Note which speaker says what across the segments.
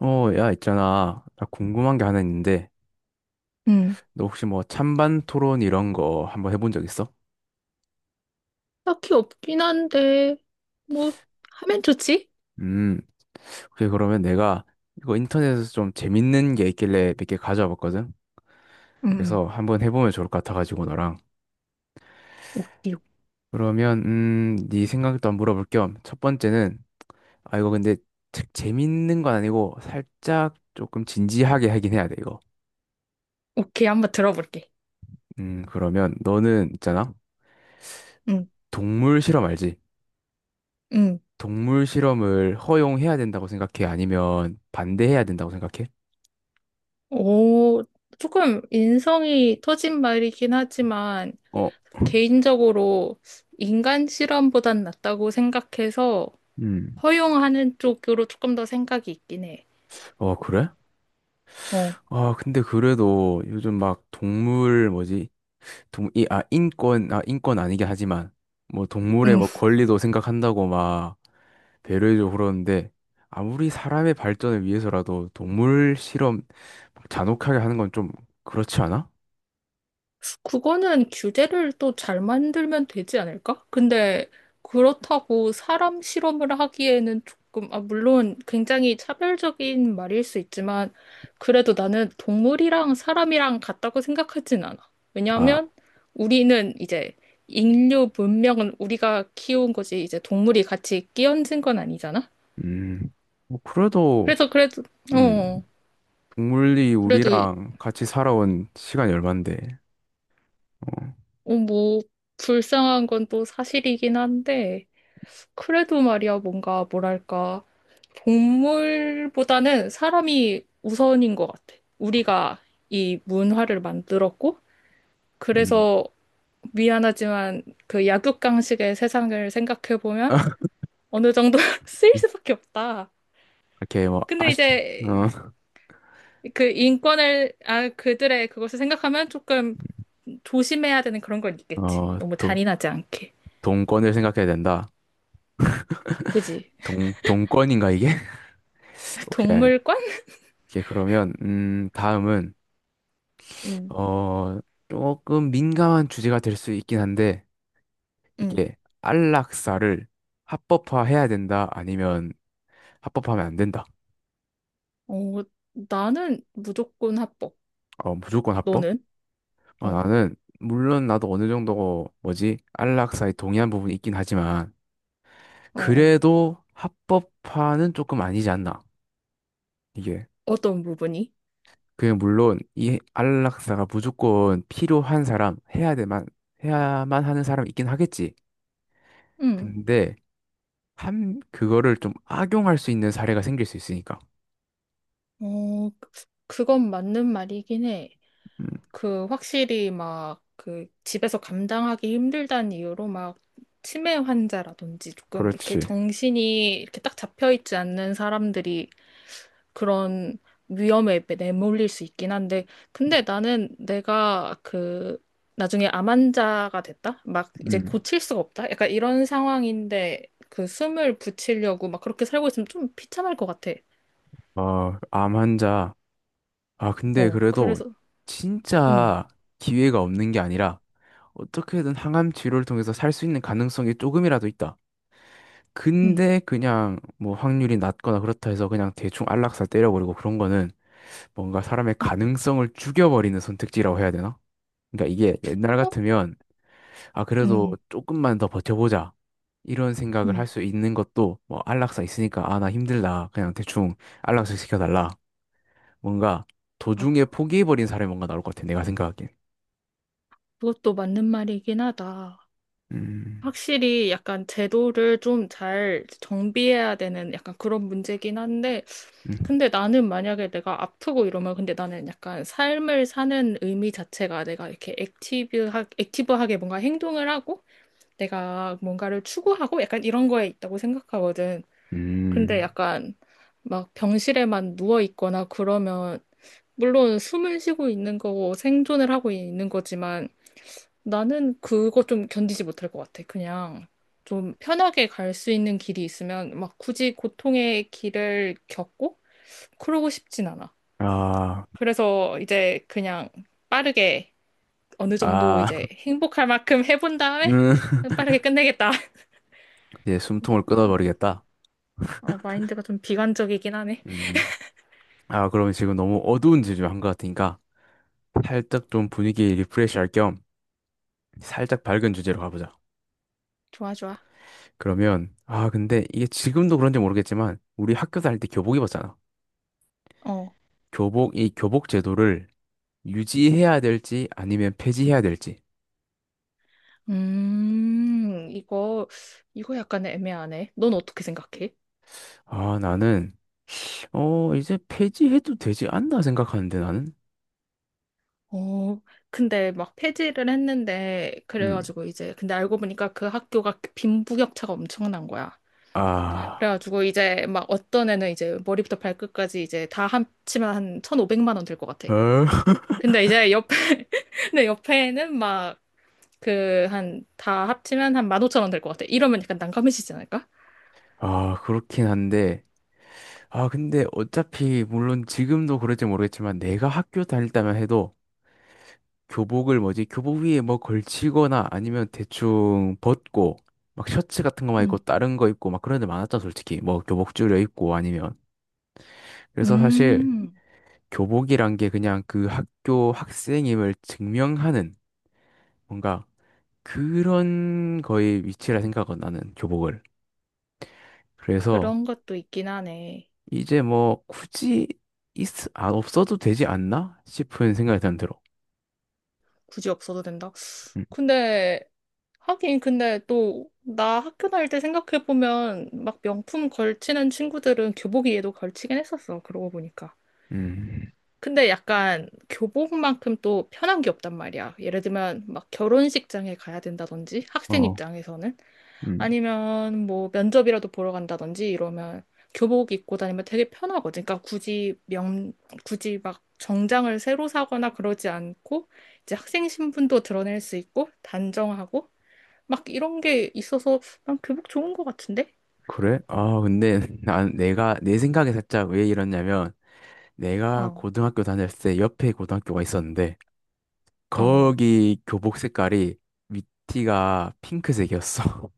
Speaker 1: 어, 야, 있잖아. 나 궁금한 게 하나 있는데,
Speaker 2: 응,
Speaker 1: 너 혹시 뭐 찬반 토론 이런 거 한번 해본 적 있어?
Speaker 2: 딱히 없긴 한데, 뭐, 하면 좋지?
Speaker 1: 음, 그래, 그러면 내가 이거 인터넷에서 좀 재밌는 게 있길래 몇 개 가져와 봤거든?
Speaker 2: 응, 응.
Speaker 1: 그래서 한번 해보면 좋을 것 같아가지고, 너랑.
Speaker 2: 오케이,
Speaker 1: 그러면, 네 생각도 한번 물어볼 겸, 첫 번째는, 아, 이거 근데 책 재밌는 건 아니고, 살짝 조금 진지하게 하긴 해야 돼, 이거.
Speaker 2: 오케이. 한번 들어볼게.
Speaker 1: 그러면 너는 있잖아.
Speaker 2: 응,
Speaker 1: 동물 실험 알지?
Speaker 2: 응.
Speaker 1: 동물 실험을 허용해야 된다고 생각해? 아니면 반대해야 된다고 생각해?
Speaker 2: 오, 조금 인성이 터진 말이긴 하지만,
Speaker 1: 어,
Speaker 2: 개인적으로 인간 실험보단 낫다고 생각해서
Speaker 1: 음.
Speaker 2: 허용하는 쪽으로 조금 더 생각이 있긴 해.
Speaker 1: 어, 그래?
Speaker 2: 어,
Speaker 1: 아, 근데 그래도 요즘 막 동물 뭐지? 인권, 인권 아니긴 하지만 뭐 동물의
Speaker 2: 응.
Speaker 1: 뭐 권리도 생각한다고 막 배려해주고 그러는데 아무리 사람의 발전을 위해서라도 동물 실험 막 잔혹하게 하는 건 좀 그렇지 않아?
Speaker 2: 그거는 규제를 또 잘 만들면 되지 않을까? 근데 그렇다고 사람 실험을 하기에는 조금, 아, 물론 굉장히 차별적인 말일 수 있지만, 그래도 나는 동물이랑 사람이랑 같다고 생각하진 않아.
Speaker 1: 아,
Speaker 2: 왜냐하면 우리는 이제 인류 문명은 우리가 키운 거지, 이제 동물이 같이 끼얹은 건 아니잖아?
Speaker 1: 음, 뭐 그래도,
Speaker 2: 그래서 그래도,
Speaker 1: 음.
Speaker 2: 어,
Speaker 1: 동물이
Speaker 2: 그래도, 이-
Speaker 1: 우리랑 같이 살아온 시간이 얼만데, 어,
Speaker 2: 어, 뭐, 불쌍한 건 또 사실이긴 한데, 그래도 말이야, 뭔가, 뭐랄까, 동물보다는 사람이 우선인 것 같아. 우리가 이 문화를 만들었고,
Speaker 1: 음,
Speaker 2: 그래서 미안하지만 그 약육강식의 세상을 생각해보면 어느 정도 쓰일 수밖에 없다.
Speaker 1: 이렇게 뭐,
Speaker 2: 근데 이제 그 인권을, 아, 그들의 그것을 생각하면 조금 조심해야 되는 그런 건
Speaker 1: 어,
Speaker 2: 있겠지. 너무 잔인하지 않게.
Speaker 1: 동권을 생각해야 된다.
Speaker 2: 그지?
Speaker 1: 동권인가, 이게? 오케이.
Speaker 2: 동물관?
Speaker 1: 오케이, 그러면, 다음은,
Speaker 2: 응,
Speaker 1: 어, 조금 민감한 주제가 될 수 있긴 한데,
Speaker 2: 응.
Speaker 1: 이게, 안락사를 합법화해야 된다, 아니면 합법화하면 안 된다.
Speaker 2: 어, 나는 무조건 합법.
Speaker 1: 어, 무조건 합법?
Speaker 2: 너는?
Speaker 1: 어,
Speaker 2: 어,
Speaker 1: 나는, 물론 나도 어느 정도, 뭐지, 안락사에 동의한 부분이 있긴 하지만,
Speaker 2: 어, 어.
Speaker 1: 그래도 합법화는 조금 아니지 않나. 이게.
Speaker 2: 어떤 부분이?
Speaker 1: 그게 물론 이 안락사가 무조건 필요한 사람, 해야 되만, 해야만 하는 사람 있긴 하겠지.
Speaker 2: 응.
Speaker 1: 근데 한, 그거를 좀 악용할 수 있는 사례가 생길 수 있으니까.
Speaker 2: 어, 그- 그건 맞는 말이긴 해.
Speaker 1: 음,
Speaker 2: 그, 확실히 막, 그, 집에서 감당하기 힘들다는 이유로 막, 치매 환자라든지 조금 이렇게
Speaker 1: 그렇지.
Speaker 2: 정신이 이렇게 딱 잡혀 있지 않는 사람들이 그런 위험에 내몰릴 수 있긴 한데, 근데 나는 내가 그, 나중에 암환자가 됐다? 막 이제
Speaker 1: 음.
Speaker 2: 고칠 수가 없다? 약간 이런 상황인데, 그 숨을 붙이려고 막 그렇게 살고 있으면 좀 비참할 것 같아.
Speaker 1: 아, 암 환자. 아, 근데
Speaker 2: 어,
Speaker 1: 그래도
Speaker 2: 그래서, 응,
Speaker 1: 진짜 기회가 없는 게 아니라 어떻게든 항암 치료를 통해서 살 수 있는 가능성이 조금이라도 있다.
Speaker 2: 응,
Speaker 1: 근데 그냥 뭐 확률이 낮거나 그렇다 해서 그냥 대충 안락사 때려버리고 그런 거는 뭔가 사람의 가능성을 죽여버리는 선택지라고 해야 되나? 그러니까 이게 옛날
Speaker 2: 어?
Speaker 1: 같으면 아
Speaker 2: 응,
Speaker 1: 그래도
Speaker 2: 응.
Speaker 1: 조금만 더 버텨보자 이런 생각을
Speaker 2: 응.
Speaker 1: 할 수 있는 것도 뭐 안락사 있으니까 아 나 힘들다 그냥 대충 안락사 시켜달라 뭔가
Speaker 2: 아,
Speaker 1: 도중에 포기해버린 사람이 뭔가 나올 것 같아 내가 생각하기엔.
Speaker 2: 그것도 맞는 말이긴 하다.
Speaker 1: 음,
Speaker 2: 확실히 약간 제도를 좀 잘 정비해야 되는 약간 그런 문제긴 한데,
Speaker 1: 음,
Speaker 2: 근데 나는 만약에 내가 아프고 이러면 근데 나는 약간 삶을 사는 의미 자체가 내가 이렇게 액티브하게 뭔가 행동을 하고 내가 뭔가를 추구하고 약간 이런 거에 있다고 생각하거든. 근데
Speaker 1: 음.
Speaker 2: 약간 막 병실에만 누워 있거나 그러면 물론 숨을 쉬고 있는 거고 생존을 하고 있는 거지만 나는 그거 좀 견디지 못할 것 같아. 그냥 좀 편하게 갈 수 있는 길이 있으면 막 굳이 고통의 길을 겪고 그러고 싶진 않아.
Speaker 1: 아,
Speaker 2: 그래서 이제 그냥 빠르게 어느 정도
Speaker 1: 아,
Speaker 2: 이제 행복할 만큼 해본 다음에
Speaker 1: 음.
Speaker 2: 빠르게 끝내겠다.
Speaker 1: 이제 숨통을 끊어버리겠다.
Speaker 2: 어, 마인드가 좀 비관적이긴 하네.
Speaker 1: 음. 아, 그럼 지금 너무 어두운 주제로 한 것 같으니까 살짝 좀 분위기 리프레시 할 겸 살짝 밝은 주제로 가보자.
Speaker 2: 좋아, 좋아.
Speaker 1: 그러면, 아, 근데 이게 지금도 그런지 모르겠지만 우리 학교 다닐 때 교복 입었잖아.
Speaker 2: 어.
Speaker 1: 교복, 이 교복 제도를 유지해야 될지 아니면 폐지해야 될지.
Speaker 2: 음, 이거, 이거 약간 애매하네. 넌 어떻게 생각해?
Speaker 1: 아, 나는, 어, 이제 폐지해도 되지 않나 생각하는데 나는?
Speaker 2: 어, 근데 막 폐지를 했는데,
Speaker 1: 음.
Speaker 2: 그래가지고 이제, 근데 알고 보니까 그 학교가 빈부격차가 엄청난 거야.
Speaker 1: 아,
Speaker 2: 그래가지고 이제 막 어떤 애는 이제 머리부터 발끝까지 이제 다 합치면 한 1,500만 원 될 것 같아.
Speaker 1: 어?
Speaker 2: 근데 이제 옆에, 근데 옆에는 막, 그, 한, 다 합치면 한 15,000원 될 것 같아. 이러면 약간 난감해지지 않을까?
Speaker 1: 아, 그렇긴 한데. 아, 근데 어차피 물론 지금도 그럴지 모르겠지만 내가 학교 다닐 때만 해도 교복을 뭐지? 교복 위에 뭐 걸치거나 아니면 대충 벗고 막 셔츠 같은 거만 입고
Speaker 2: 음.
Speaker 1: 다른 거 입고 막 그런 데 많았잖아, 솔직히. 뭐 교복 줄여 입고 아니면. 그래서 사실
Speaker 2: 음.
Speaker 1: 교복이란 게 그냥 그 학교 학생임을 증명하는 뭔가 그런 거의 위치라 생각은 나는 교복을. 그래서
Speaker 2: 그런 것도 있긴 하네.
Speaker 1: 이제 뭐 굳이 있, 없어도 되지 않나 싶은 생각이 드는 들어.
Speaker 2: 굳이 없어도 된다.
Speaker 1: 음,
Speaker 2: 근데, 하긴, 근데 또, 나 학교 다닐 때 생각해보면, 막 명품 걸치는 친구들은 교복위에도 걸치긴 했었어. 그러고 보니까.
Speaker 1: 음,
Speaker 2: 근데 약간 교복만큼 또 편한 게 없단 말이야. 예를 들면, 막 결혼식장에 가야 된다든지, 학생
Speaker 1: 어,
Speaker 2: 입장에서는.
Speaker 1: 음.
Speaker 2: 아니면 뭐 면접이라도 보러 간다든지 이러면 교복 입고 다니면 되게 편하거든. 그러니까 굳이 막 정장을 새로 사거나 그러지 않고 이제 학생 신분도 드러낼 수 있고 단정하고 막 이런 게 있어서 난 교복 좋은 것 같은데?
Speaker 1: 그래? 아, 근데 난 내가 내 생각에 살짝 왜 이러냐면 내가
Speaker 2: 어,
Speaker 1: 고등학교 다닐 때 옆에 고등학교가 있었는데
Speaker 2: 어,
Speaker 1: 거기 교복 색깔이 밑티가 핑크색이었어.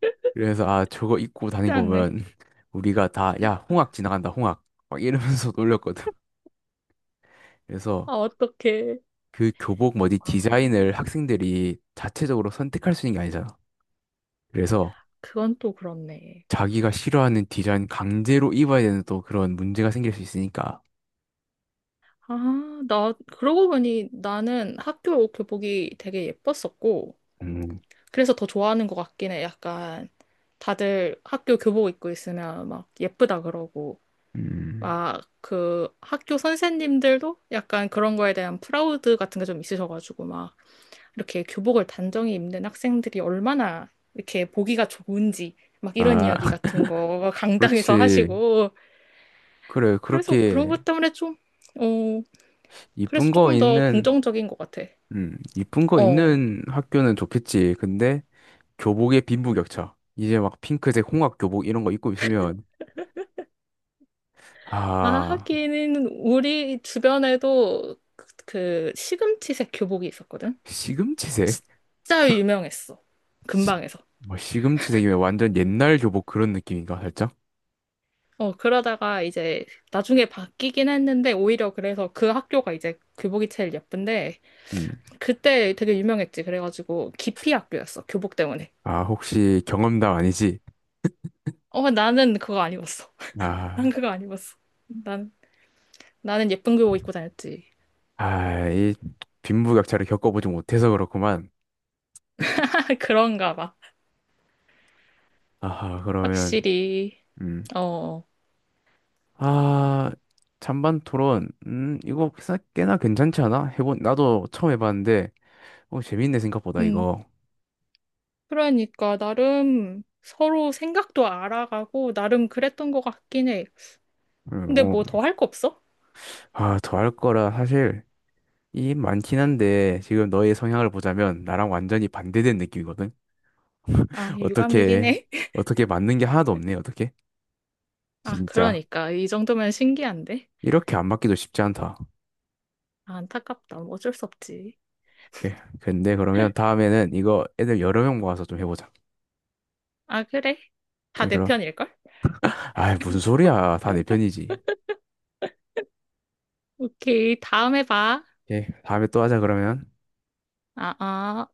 Speaker 1: 그래서 아, 저거 입고
Speaker 2: 쉽지
Speaker 1: 다니고
Speaker 2: 않네.
Speaker 1: 보면 우리가 다 야, 홍학 지나간다, 홍학. 막 이러면서 놀렸거든. 그래서
Speaker 2: 아, 어떡해.
Speaker 1: 그 교복 뭐지
Speaker 2: 아,
Speaker 1: 디자인을 학생들이 자체적으로 선택할 수 있는 게 아니잖아. 그래서
Speaker 2: 그건 또 그렇네.
Speaker 1: 자기가 싫어하는 디자인 강제로 입어야 되는 또 그런 문제가 생길 수 있으니까.
Speaker 2: 아, 나, 그러고 보니 나는 학교 교복이 되게 예뻤었고,
Speaker 1: 음.
Speaker 2: 그래서 더 좋아하는 것 같긴 해. 약간 다들 학교 교복 입고 있으면 막 예쁘다 그러고
Speaker 1: 음.
Speaker 2: 막 그 학교 선생님들도 약간 그런 거에 대한 프라우드 같은 게 좀 있으셔가지고 막 이렇게 교복을 단정히 입는 학생들이 얼마나 이렇게 보기가 좋은지 막 이런
Speaker 1: 아,
Speaker 2: 이야기 같은 거 강당에서
Speaker 1: 그렇지.
Speaker 2: 하시고
Speaker 1: 그래,
Speaker 2: 그래서 그런
Speaker 1: 그렇게
Speaker 2: 것 때문에 좀, 어, 그래서
Speaker 1: 이쁜 거
Speaker 2: 조금 더
Speaker 1: 있는,
Speaker 2: 긍정적인 것 같아.
Speaker 1: 이쁜 거
Speaker 2: 어.
Speaker 1: 있는 학교는 좋겠지. 근데 교복에 빈부격차. 이제 막 핑크색 홍학 교복 이런 거 입고 있으면,
Speaker 2: 아,
Speaker 1: 아,
Speaker 2: 하기는 우리 주변에도 그, 그 시금치색 교복이 있었거든?
Speaker 1: 시금치색?
Speaker 2: 진짜 유명했어.
Speaker 1: 시,
Speaker 2: 근방에서.
Speaker 1: 뭐 시금치색이면 완전 옛날 교복 그런 느낌인가, 살짝?
Speaker 2: 어, 그러다가 이제 나중에 바뀌긴 했는데 오히려 그래서 그 학교가 이제 교복이 제일 예쁜데
Speaker 1: 음.
Speaker 2: 그때 되게 유명했지. 그래가지고 기피 학교였어. 교복 때문에.
Speaker 1: 아, 혹시 경험담 아니지?
Speaker 2: 어, 나는 그거 안 입었어. 난
Speaker 1: 아,
Speaker 2: 그거 안 입었어. 난, 나는 예쁜 교복 입고 다녔지.
Speaker 1: 아, 이 빈부격차를 겪어보지 못해서 그렇구만.
Speaker 2: 그런가 봐.
Speaker 1: 아하, 그러면,
Speaker 2: 확실히.
Speaker 1: 음.
Speaker 2: 어.
Speaker 1: 아, 잔반 토론. 이거 꽤나 괜찮지 않아? 해본, 나도 처음 해봤는데, 어, 재밌네, 생각보다,
Speaker 2: 음.
Speaker 1: 이거.
Speaker 2: 그러니까 나름 서로 생각도 알아가고 나름 그랬던 것 같긴 해. 근데
Speaker 1: 어.
Speaker 2: 뭐 더 할 거 없어?
Speaker 1: 아, 더할 거라, 사실, 이 많긴 한데, 지금 너의 성향을 보자면, 나랑 완전히 반대된 느낌이거든?
Speaker 2: 아, 유감이긴
Speaker 1: 어떻게,
Speaker 2: 해.
Speaker 1: 어떻게 맞는 게 하나도 없네, 어떻게?
Speaker 2: 아,
Speaker 1: 진짜.
Speaker 2: 그러니까 이 정도면 신기한데?
Speaker 1: 이렇게 안 맞기도 쉽지 않다.
Speaker 2: 아, 안타깝다. 뭐 어쩔 수 없지.
Speaker 1: 예. 근데 그러면 다음에는 이거 애들 여러 명 모아서 좀 해보자.
Speaker 2: 아, 그래. 다
Speaker 1: 오케이,
Speaker 2: 내
Speaker 1: 그럼.
Speaker 2: 편일걸?
Speaker 1: 아, 무슨 소리야. 다 내 편이지.
Speaker 2: 오케이. 다음에 봐.
Speaker 1: 오케이. 다음에 또 하자, 그러면.
Speaker 2: 아, 아.